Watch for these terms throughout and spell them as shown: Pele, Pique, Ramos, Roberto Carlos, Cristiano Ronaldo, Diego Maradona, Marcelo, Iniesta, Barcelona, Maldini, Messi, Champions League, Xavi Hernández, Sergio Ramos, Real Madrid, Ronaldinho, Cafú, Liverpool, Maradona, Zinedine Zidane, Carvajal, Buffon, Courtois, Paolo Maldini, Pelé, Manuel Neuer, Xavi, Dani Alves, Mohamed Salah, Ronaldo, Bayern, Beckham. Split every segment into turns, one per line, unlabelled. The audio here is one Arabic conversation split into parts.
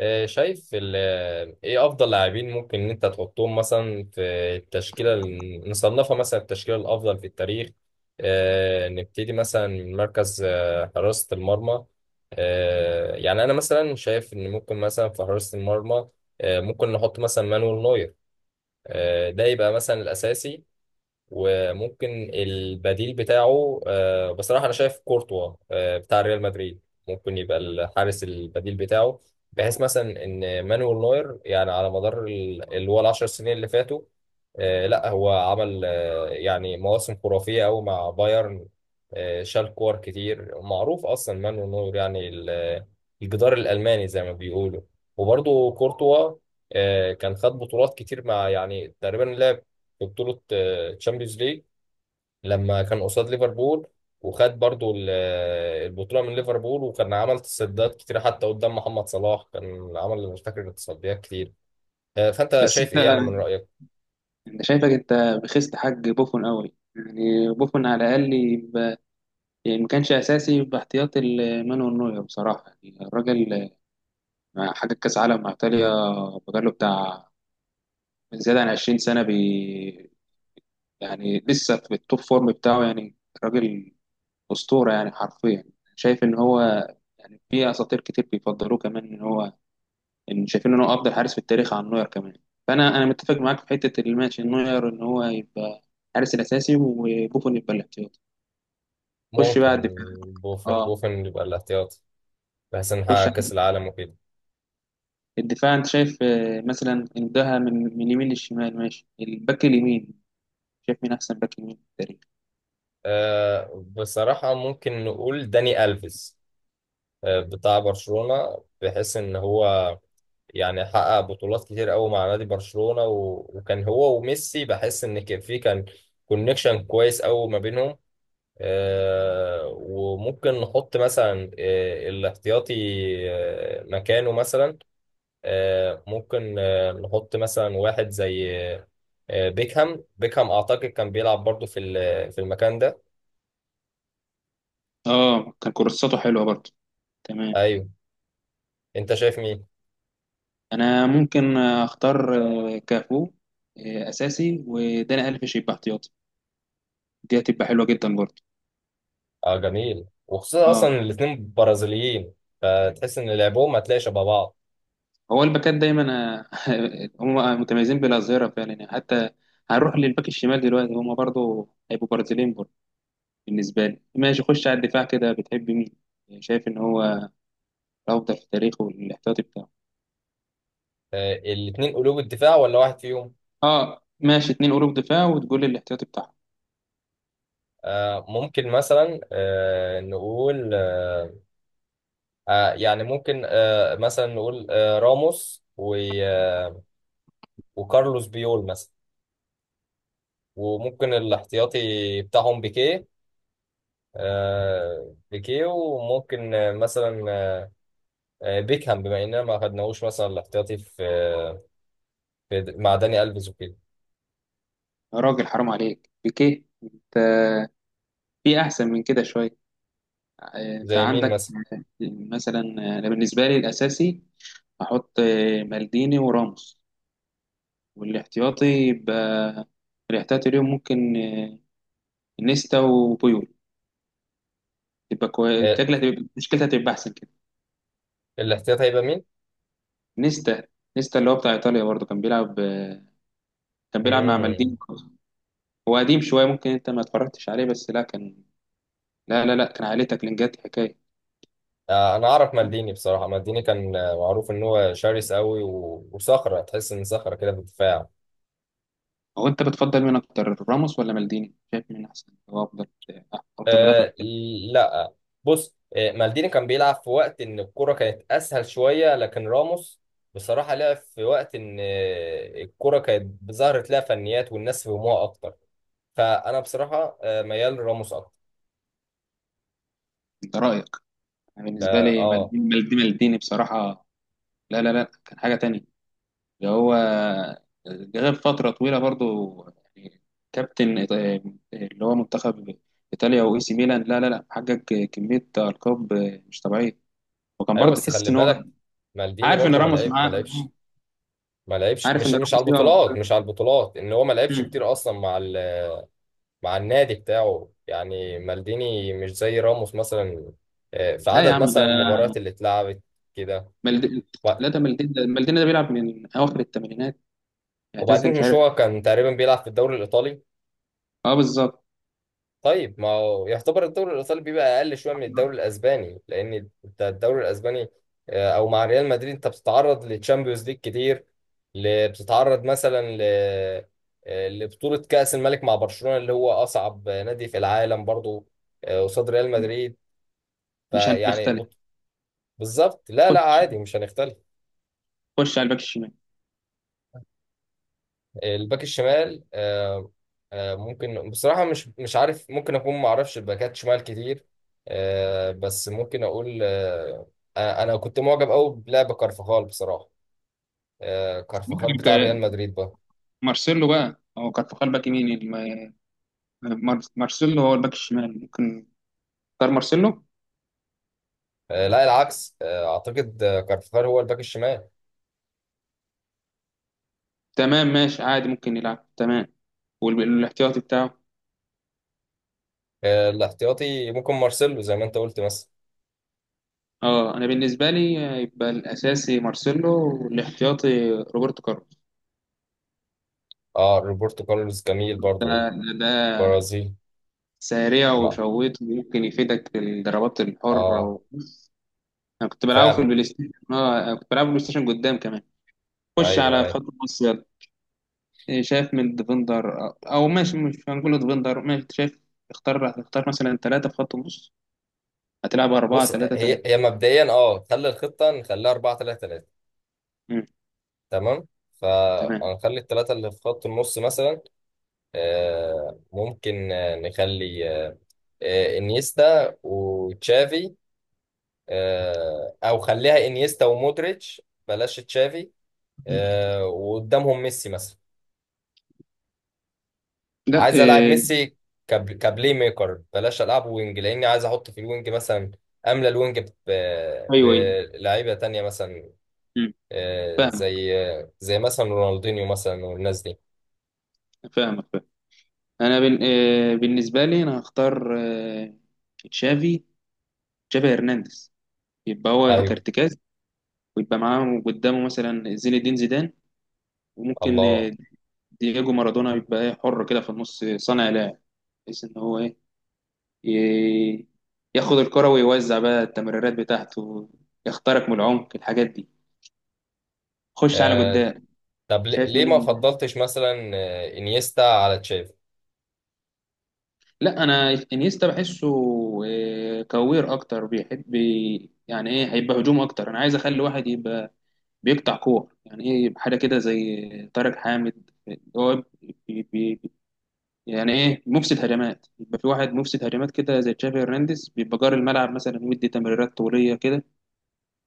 شايف ايه افضل لاعبين ممكن ان انت تحطهم مثلا في التشكيله نصنفها مثلا التشكيله الافضل في التاريخ. نبتدي مثلا من مركز حراسه المرمى. يعني انا مثلا شايف ان ممكن مثلا في حراسه المرمى، ممكن نحط مثلا مانويل نوير. ده يبقى مثلا الاساسي، وممكن البديل بتاعه. بصراحة أنا شايف كورتوا بتاع ريال مدريد ممكن يبقى الحارس البديل بتاعه، بحيث مثلا إن مانويل نوير يعني على مدار اللي هو العشر سنين اللي فاتوا. لا، هو عمل يعني مواسم خرافية أوي مع بايرن. شال كور كتير. معروف أصلا مانويل نوير يعني الجدار الألماني زي ما بيقولوا. وبرضه كورتوا كان خد بطولات كتير، مع يعني تقريبا لعب في بطولة الشامبيونز ليج لما كان قصاد ليفربول، وخد برضو البطولة من ليفربول، وكان عمل تصديات كتير حتى قدام محمد صلاح، كان عمل مش فاكر تصديات كتير. فأنت
بس
شايف
انت
إيه يعني من رأيك؟
انت شايفك انت بخست حاج بوفون قوي. يعني بوفون على الاقل يبقى، يعني ما كانش اساسي، يبقى احتياطي لمانويل نوير. بصراحه يعني الراجل مع حاجه كاس عالم مع ايطاليا، بقاله بتاع زياده عن 20 سنه، يعني لسه في التوب فورم بتاعه يعني. راجل اسطوره يعني، حرفيا. شايف ان هو، يعني في اساطير كتير بيفضلوه كمان، ان شايفين ان هو افضل حارس في التاريخ عن نوير كمان. فانا متفق معاك في حته الماتش، ان نوير ان هو يبقى الحارس الاساسي وبوفون يبقى الاحتياطي. خش
ممكن
بقى الدفاع.
بوفن,
اه،
بوفن يبقى الاحتياط، بحيث إن
خش
نحقق كأس
على
العالم وكده.
الدفاع. انت شايف، مثلا انتهى من اليمين للشمال، ماشي. الباك اليمين، شايف مين احسن باك يمين في التاريخ؟
بصراحة ممكن نقول داني ألفيس بتاع برشلونة، بحيث إن هو يعني حقق بطولات كتير قوي مع نادي برشلونة، وكان هو وميسي، بحس ان في كان كونكشن كويس قوي ما بينهم. وممكن نحط مثلا الاحتياطي مكانه مثلا. ممكن نحط مثلا واحد زي بيكهام، اعتقد كان بيلعب برضو في في المكان ده.
اه، كان كورساته حلوه برضه، تمام.
ايوه، انت شايف مين؟
انا ممكن اختار كافو اساسي، وداني الفيش يبقى احتياطي. دي هتبقى حلوه جدا برضه.
اه، جميل، وخصوصا اصلا
اه،
الاتنين برازيليين، فتحس ان لعبهم هتلاقي شبه بعض.
هو الباكات دايما هم متميزين بالاظهره فعلا، يعني حتى هنروح للباك الشمال دلوقتي، هم برضو هيبقوا برازيليين برضو. بالنسبه لي ماشي. خش على الدفاع كده، بتحب مين، شايف ان هو الافضل في تاريخه، الاحتياطي بتاعه؟
الاثنين قلوب الدفاع، ولا واحد فيهم؟
اه ماشي، اتنين قلوب دفاع، وتقول لي الاحتياطي بتاعه.
ممكن مثلا نقول، يعني ممكن مثلا نقول راموس آه، وكارلوس بيول مثلا. وممكن الاحتياطي بتاعهم بيكيه. وممكن مثلا بيكهام، بما اننا ما خدناهوش مثلا الاحتياطي في مع داني الفيز وكده.
يا راجل حرام عليك بيكيه، انت في احسن من كده شويه. انت
زي مين
عندك
مثلا؟
مثلا. انا بالنسبه لي الاساسي احط مالديني وراموس، والاحتياطي يبقى، الاحتياطي اليوم ممكن نيستا وبويول، تبقى كويس،
آه،
بتاكل، هتبقى مشكلتها هتبقى احسن كده.
الاحتياطي هيبقى مين؟
نيستا. نيستا اللي هو بتاع ايطاليا برضه، كان بيلعب مع
مم.
مالديني. هو قديم شويه، ممكن انت ما اتفرجتش عليه، بس لا كان، لا لا لا، كان عليه تاكلينجات حكايه.
انا اعرف مالديني، بصراحه مالديني كان معروف ان هو شرس قوي، وصخره، تحس ان صخره كده في الدفاع.
هو انت بتفضل مين اكتر، راموس ولا مالديني؟ شايف مين احسن، هو افضل مدافع في
أه،
التاريخ؟
لا. بص، مالديني كان بيلعب في وقت ان الكره كانت اسهل شويه، لكن راموس بصراحه لعب في وقت ان الكره كانت ظهرت لها فنيات والناس فهموها اكتر، فانا بصراحه ميال لراموس اكتر.
ده رايك. أنا بالنسبه
اه،
لي
آه.
مالديني مالديني مالديني بصراحه. لا لا لا كان حاجه تانية، اللي هو غاب فترة طويلة برضو، يعني كابتن إيط- اللي هو منتخب إيطاليا وإي سي ميلان. لا لا لا، حقق كمية ألقاب مش طبيعية، وكان
ايوه،
برضه
بس
تحس
خلي
إن هو،
بالك، مالديني
عارف إن
برضو
راموس
ما
معاه،
لعبش ما لعبش
عارف
مش
إن
مش على
راموس إيه.
البطولات، ان هو ما لعبش
مم.
كتير اصلا مع مع النادي بتاعه، يعني مالديني مش زي راموس مثلا في
لا يا
عدد
عم، ده
مثلا المباريات اللي اتلعبت كده.
مالديني.
وب-
لا، ده مالديني، ده مالديني ده بيلعب من أواخر الثمانينات، اعتزل
وبعدين
مش
مش
عارف.
هو كان تقريبا بيلعب في الدوري الإيطالي؟
أه بالظبط.
طيب، ما هو يعتبر الدوري الإيطالي بيبقى أقل شوية من الدوري الأسباني، لأن انت الدوري الأسباني أو مع ريال مدريد أنت بتتعرض للتشامبيونز ليج كتير، بتتعرض مثلا ل آه، لبطولة كأس الملك مع برشلونة اللي هو أصعب نادي في العالم برضه، قصاد ريال مدريد.
مش هنختلف.
فيعني، بالظبط. لا لا،
خش
عادي، مش هنختلف.
خش على الباك الشمال.
الباك الشمال. ممكن بصراحة، مش عارف، ممكن أكون ما أعرفش الباكات شمال كتير. بس ممكن أقول، أنا كنت معجب أوي بلعب كارفاخال بصراحة. كارفاخال بتاع
عندك
ريال مدريد بقى.
مارسيلو بقى، هو كارفاخال باك يمين، مارسيلو هو الباك الشمال. ممكن اختار مارسيلو.
لا، العكس. أعتقد كارفاخال هو الباك الشمال.
تمام ماشي عادي، ممكن يلعب، تمام. والاحتياطي بتاعه،
الاحتياطي ممكن مارسيلو زي ما أنت قلت مثلا.
اه انا بالنسبه لي يبقى الاساسي مارسيلو، والاحتياطي روبرتو كارلوس.
أه، روبرتو كارلوس جميل برضو.
آه، ده
البرازيل.
سريع
ما،
وشويط، ممكن يفيدك في الضربات الحره.
أه،
انا كنت بلعبه في
فعلا.
البلاي ستيشن. اه، أنا كنت بلعبه بلاي ستيشن قدام كمان. خش
أيوه
على
أيوه.
خط النص يلا. شايف من ديفندر، او ماشي، مش هنقول ديفندر، ماشي، شايف، اختار مثلا ثلاثه في خط النص، هتلعب اربعه
بص،
ثلاثه
هي
ثلاثه.
هي مبدئيا اه، خلي الخطه نخليها 4 3 3. تمام.
تمام.
فهنخلي الثلاثه اللي في خط النص مثلا ممكن نخلي انيستا وتشافي. او خليها انيستا ومودريتش، بلاش تشافي. وقدامهم ميسي مثلا.
لا.
عايز العب ميسي كبلاي ميكر، بلاش العبه وينج لاني عايز احط في الوينج مثلا، املى الوينج
ايوه ايوه.
بلعيبه تانية مثلا.
مم،
آه،
فاهمك.
زي زي مثلا رونالدينيو مثلا والناس دي.
فاهمك فاهم. انا بن... آه، بالنسبه لي انا هختار تشافي، تشافي هرنانديز، يبقى هو
ايوه.
كارتكاز، ويبقى معاه قدامه مثلا زين الدين زيدان، وممكن
الله.
دييجو مارادونا، يبقى حر كده في النص، صانع لعب، بحيث ان هو ايه، ي- ياخد الكرة ويوزع بقى التمريرات بتاعته، يخترق من العمق، الحاجات دي. خش على
آه،
قدام.
طب،
شايف
ليه
مين؟
ما فضلتش مثلا انيستا على تشافي؟
لا، انا انيستا بحسه كوير اكتر، بيحب يعني ايه، هيبقى هجوم اكتر. انا عايز اخلي واحد يبقى بيقطع كور، يعني ايه، يبقى حاجه كده زي طارق حامد، هو بي بي يعني ايه، مفسد هجمات، يبقى في واحد مفسد هجمات كده زي تشافي هرنانديز، بيبقى جار الملعب، مثلا يدي تمريرات طوليه كده،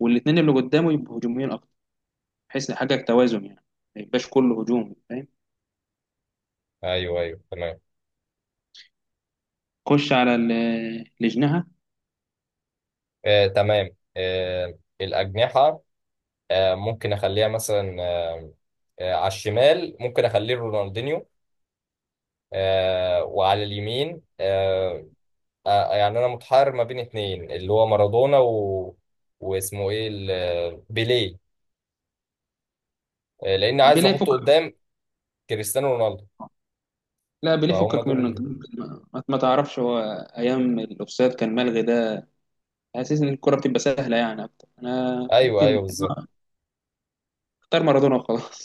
والاثنين اللي قدامه يبقوا هجوميين اكتر، بحيث حاجه توازن يعني، ما يبقاش كله هجوم، فاهم.
ايوه ايوه، تمام.
خش على اللي جناها.
تمام. الاجنحه، ممكن اخليها مثلا على الشمال ممكن اخليه رونالدينيو. وعلى اليمين يعني انا متحير ما بين اتنين، اللي هو مارادونا واسمه ايه، بيليه. لان عايز
بيلاقي
احطه
فكك.
قدام كريستيانو رونالدو.
لا، بيليه
فهم
فكك
دول
منه انت.
اللي...
ما تعرفش، هو ايام الاوفسايد كان ملغي ده، حاسس ان الكرة بتبقى سهلة يعني اكتر. انا
ايوه ايوه،
ممكن
بالظبط.
اختار مارادونا وخلاص.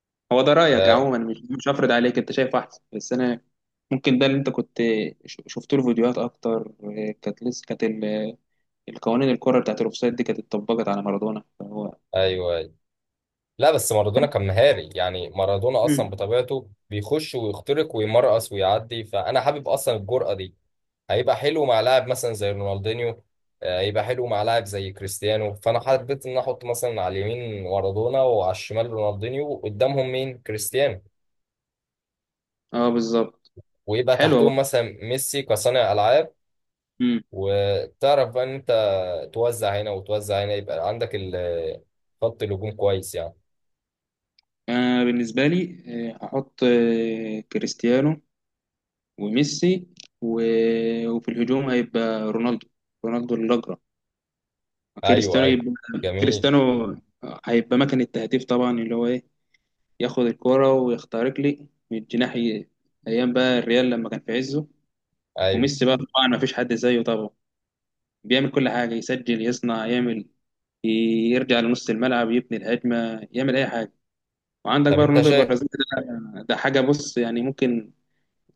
هو ده رأيك
آه،
عموما، مش هفرض عليك، انت شايف احسن، بس انا ممكن، ده اللي انت كنت شفت له فيديوهات اكتر، كانت لسه كانت القوانين، الكرة بتاعت الاوفسايد دي كانت اتطبقت على مارادونا، فهو
ايوه ايوه. لا، بس مارادونا
كان.
كان مهاري، يعني مارادونا اصلا
مم.
بطبيعته بيخش ويخترق ويمرقص ويعدي، فانا حابب اصلا الجرأة دي. هيبقى حلو مع لاعب مثلا زي رونالدينيو. هيبقى حلو مع لاعب زي كريستيانو، فانا حبيت ان احط مثلا على اليمين مارادونا وعلى الشمال رونالدينيو، وقدامهم مين؟ كريستيانو.
اه بالظبط.
ويبقى
حلوة
تحتهم
بقى.
مثلا ميسي كصانع العاب.
مم.
وتعرف بقى ان انت توزع هنا وتوزع هنا، يبقى عندك خط الهجوم كويس يعني.
انا بالنسبة لي هحط كريستيانو وميسي، و... وفي الهجوم هيبقى رونالدو، رونالدو الأجرة.
ايوه
كريستيانو
ايوه،
يبقى،
جميل.
كريستيانو هيبقى مكان التهديف طبعا، اللي هو ايه، ياخد الكرة ويخترق لي من الجناح، ايام بقى الريال لما كان في عزه.
ايوه.
وميسي بقى طبعا ما فيش حد زيه طبعا، بيعمل كل حاجة، يسجل، يصنع، يعمل، يرجع لنص الملعب، يبني الهجمة، يعمل أي حاجة. وعندك
طب،
بقى
انت
رونالدو
شايف؟
البرازيلي، ده حاجة. بص يعني، ممكن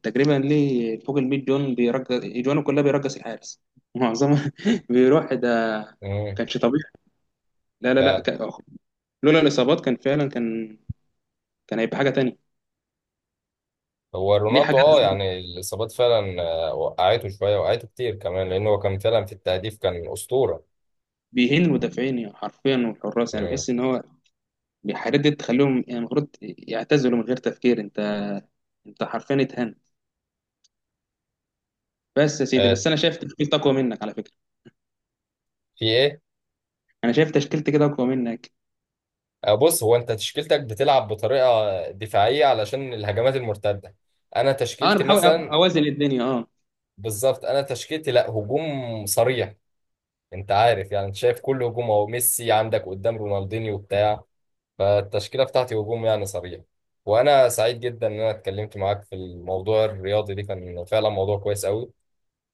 تقريبا ليه فوق ال 100 جون، بيرجس اجوانه كلها، بيرجس الحارس معظمها بيروح ده،
امم
كانش طبيعي. لا لا لا،
فعلا.
لولا الاصابات كان فعلا، كان هيبقى حاجه تانية.
هو
ليه
رونالدو
حاجات
اه، يعني الاصابات فعلا وقعته شويه، وقعته كتير كمان، لان هو كان فعلا في التهديف كان اسطوره.
بيهين المدافعين يعني حرفيا، والحراس. يعني
امم
بحس ان هو الحاجات دي تخليهم يعني المفروض يعتزلوا من غير تفكير. انت حرفيا اتهنت. بس يا سيدي،
آه،
بس انا شايف تشكيلتي اقوى منك على فكره.
في ايه؟
انا شايف تشكيلتي كده اقوى منك.
بص، هو انت تشكيلتك بتلعب بطريقه دفاعيه علشان الهجمات المرتده، انا
اه، انا
تشكيلتي
بحاول أ-
مثلا
اوازن الدنيا، اه.
بالظبط، انا تشكيلتي لا، هجوم صريح. انت عارف، يعني انت شايف كل هجوم اهو، ميسي عندك قدام، رونالدينيو بتاع، فالتشكيلة بتاعتي هجوم يعني صريح. وأنا سعيد جدا إن أنا اتكلمت معاك في الموضوع الرياضي ده، كان فعلا موضوع كويس قوي،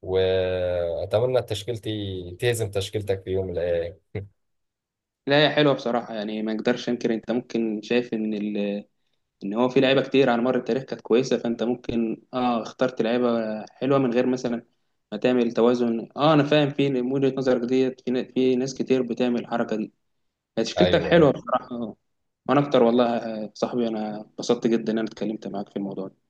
وأتمنى تشكيلتي تهزم تشكيلتك في يوم من الأيام.
لا، هي حلوه بصراحه، يعني ما اقدرش انكر، انت ممكن شايف ان هو في لعيبه كتير على مر التاريخ كانت كويسه، فانت ممكن اه اخترت لعيبه حلوه، من غير مثلا ما تعمل توازن. اه، انا فاهم في وجهه نظرك ديت، في في ناس كتير بتعمل الحركه دي. هي تشكيلتك حلوه
أيوه.
بصراحه، آه. وانا اكتر، والله يا صاحبي انا اتبسطت جدا ان انا اتكلمت معاك في الموضوع ده.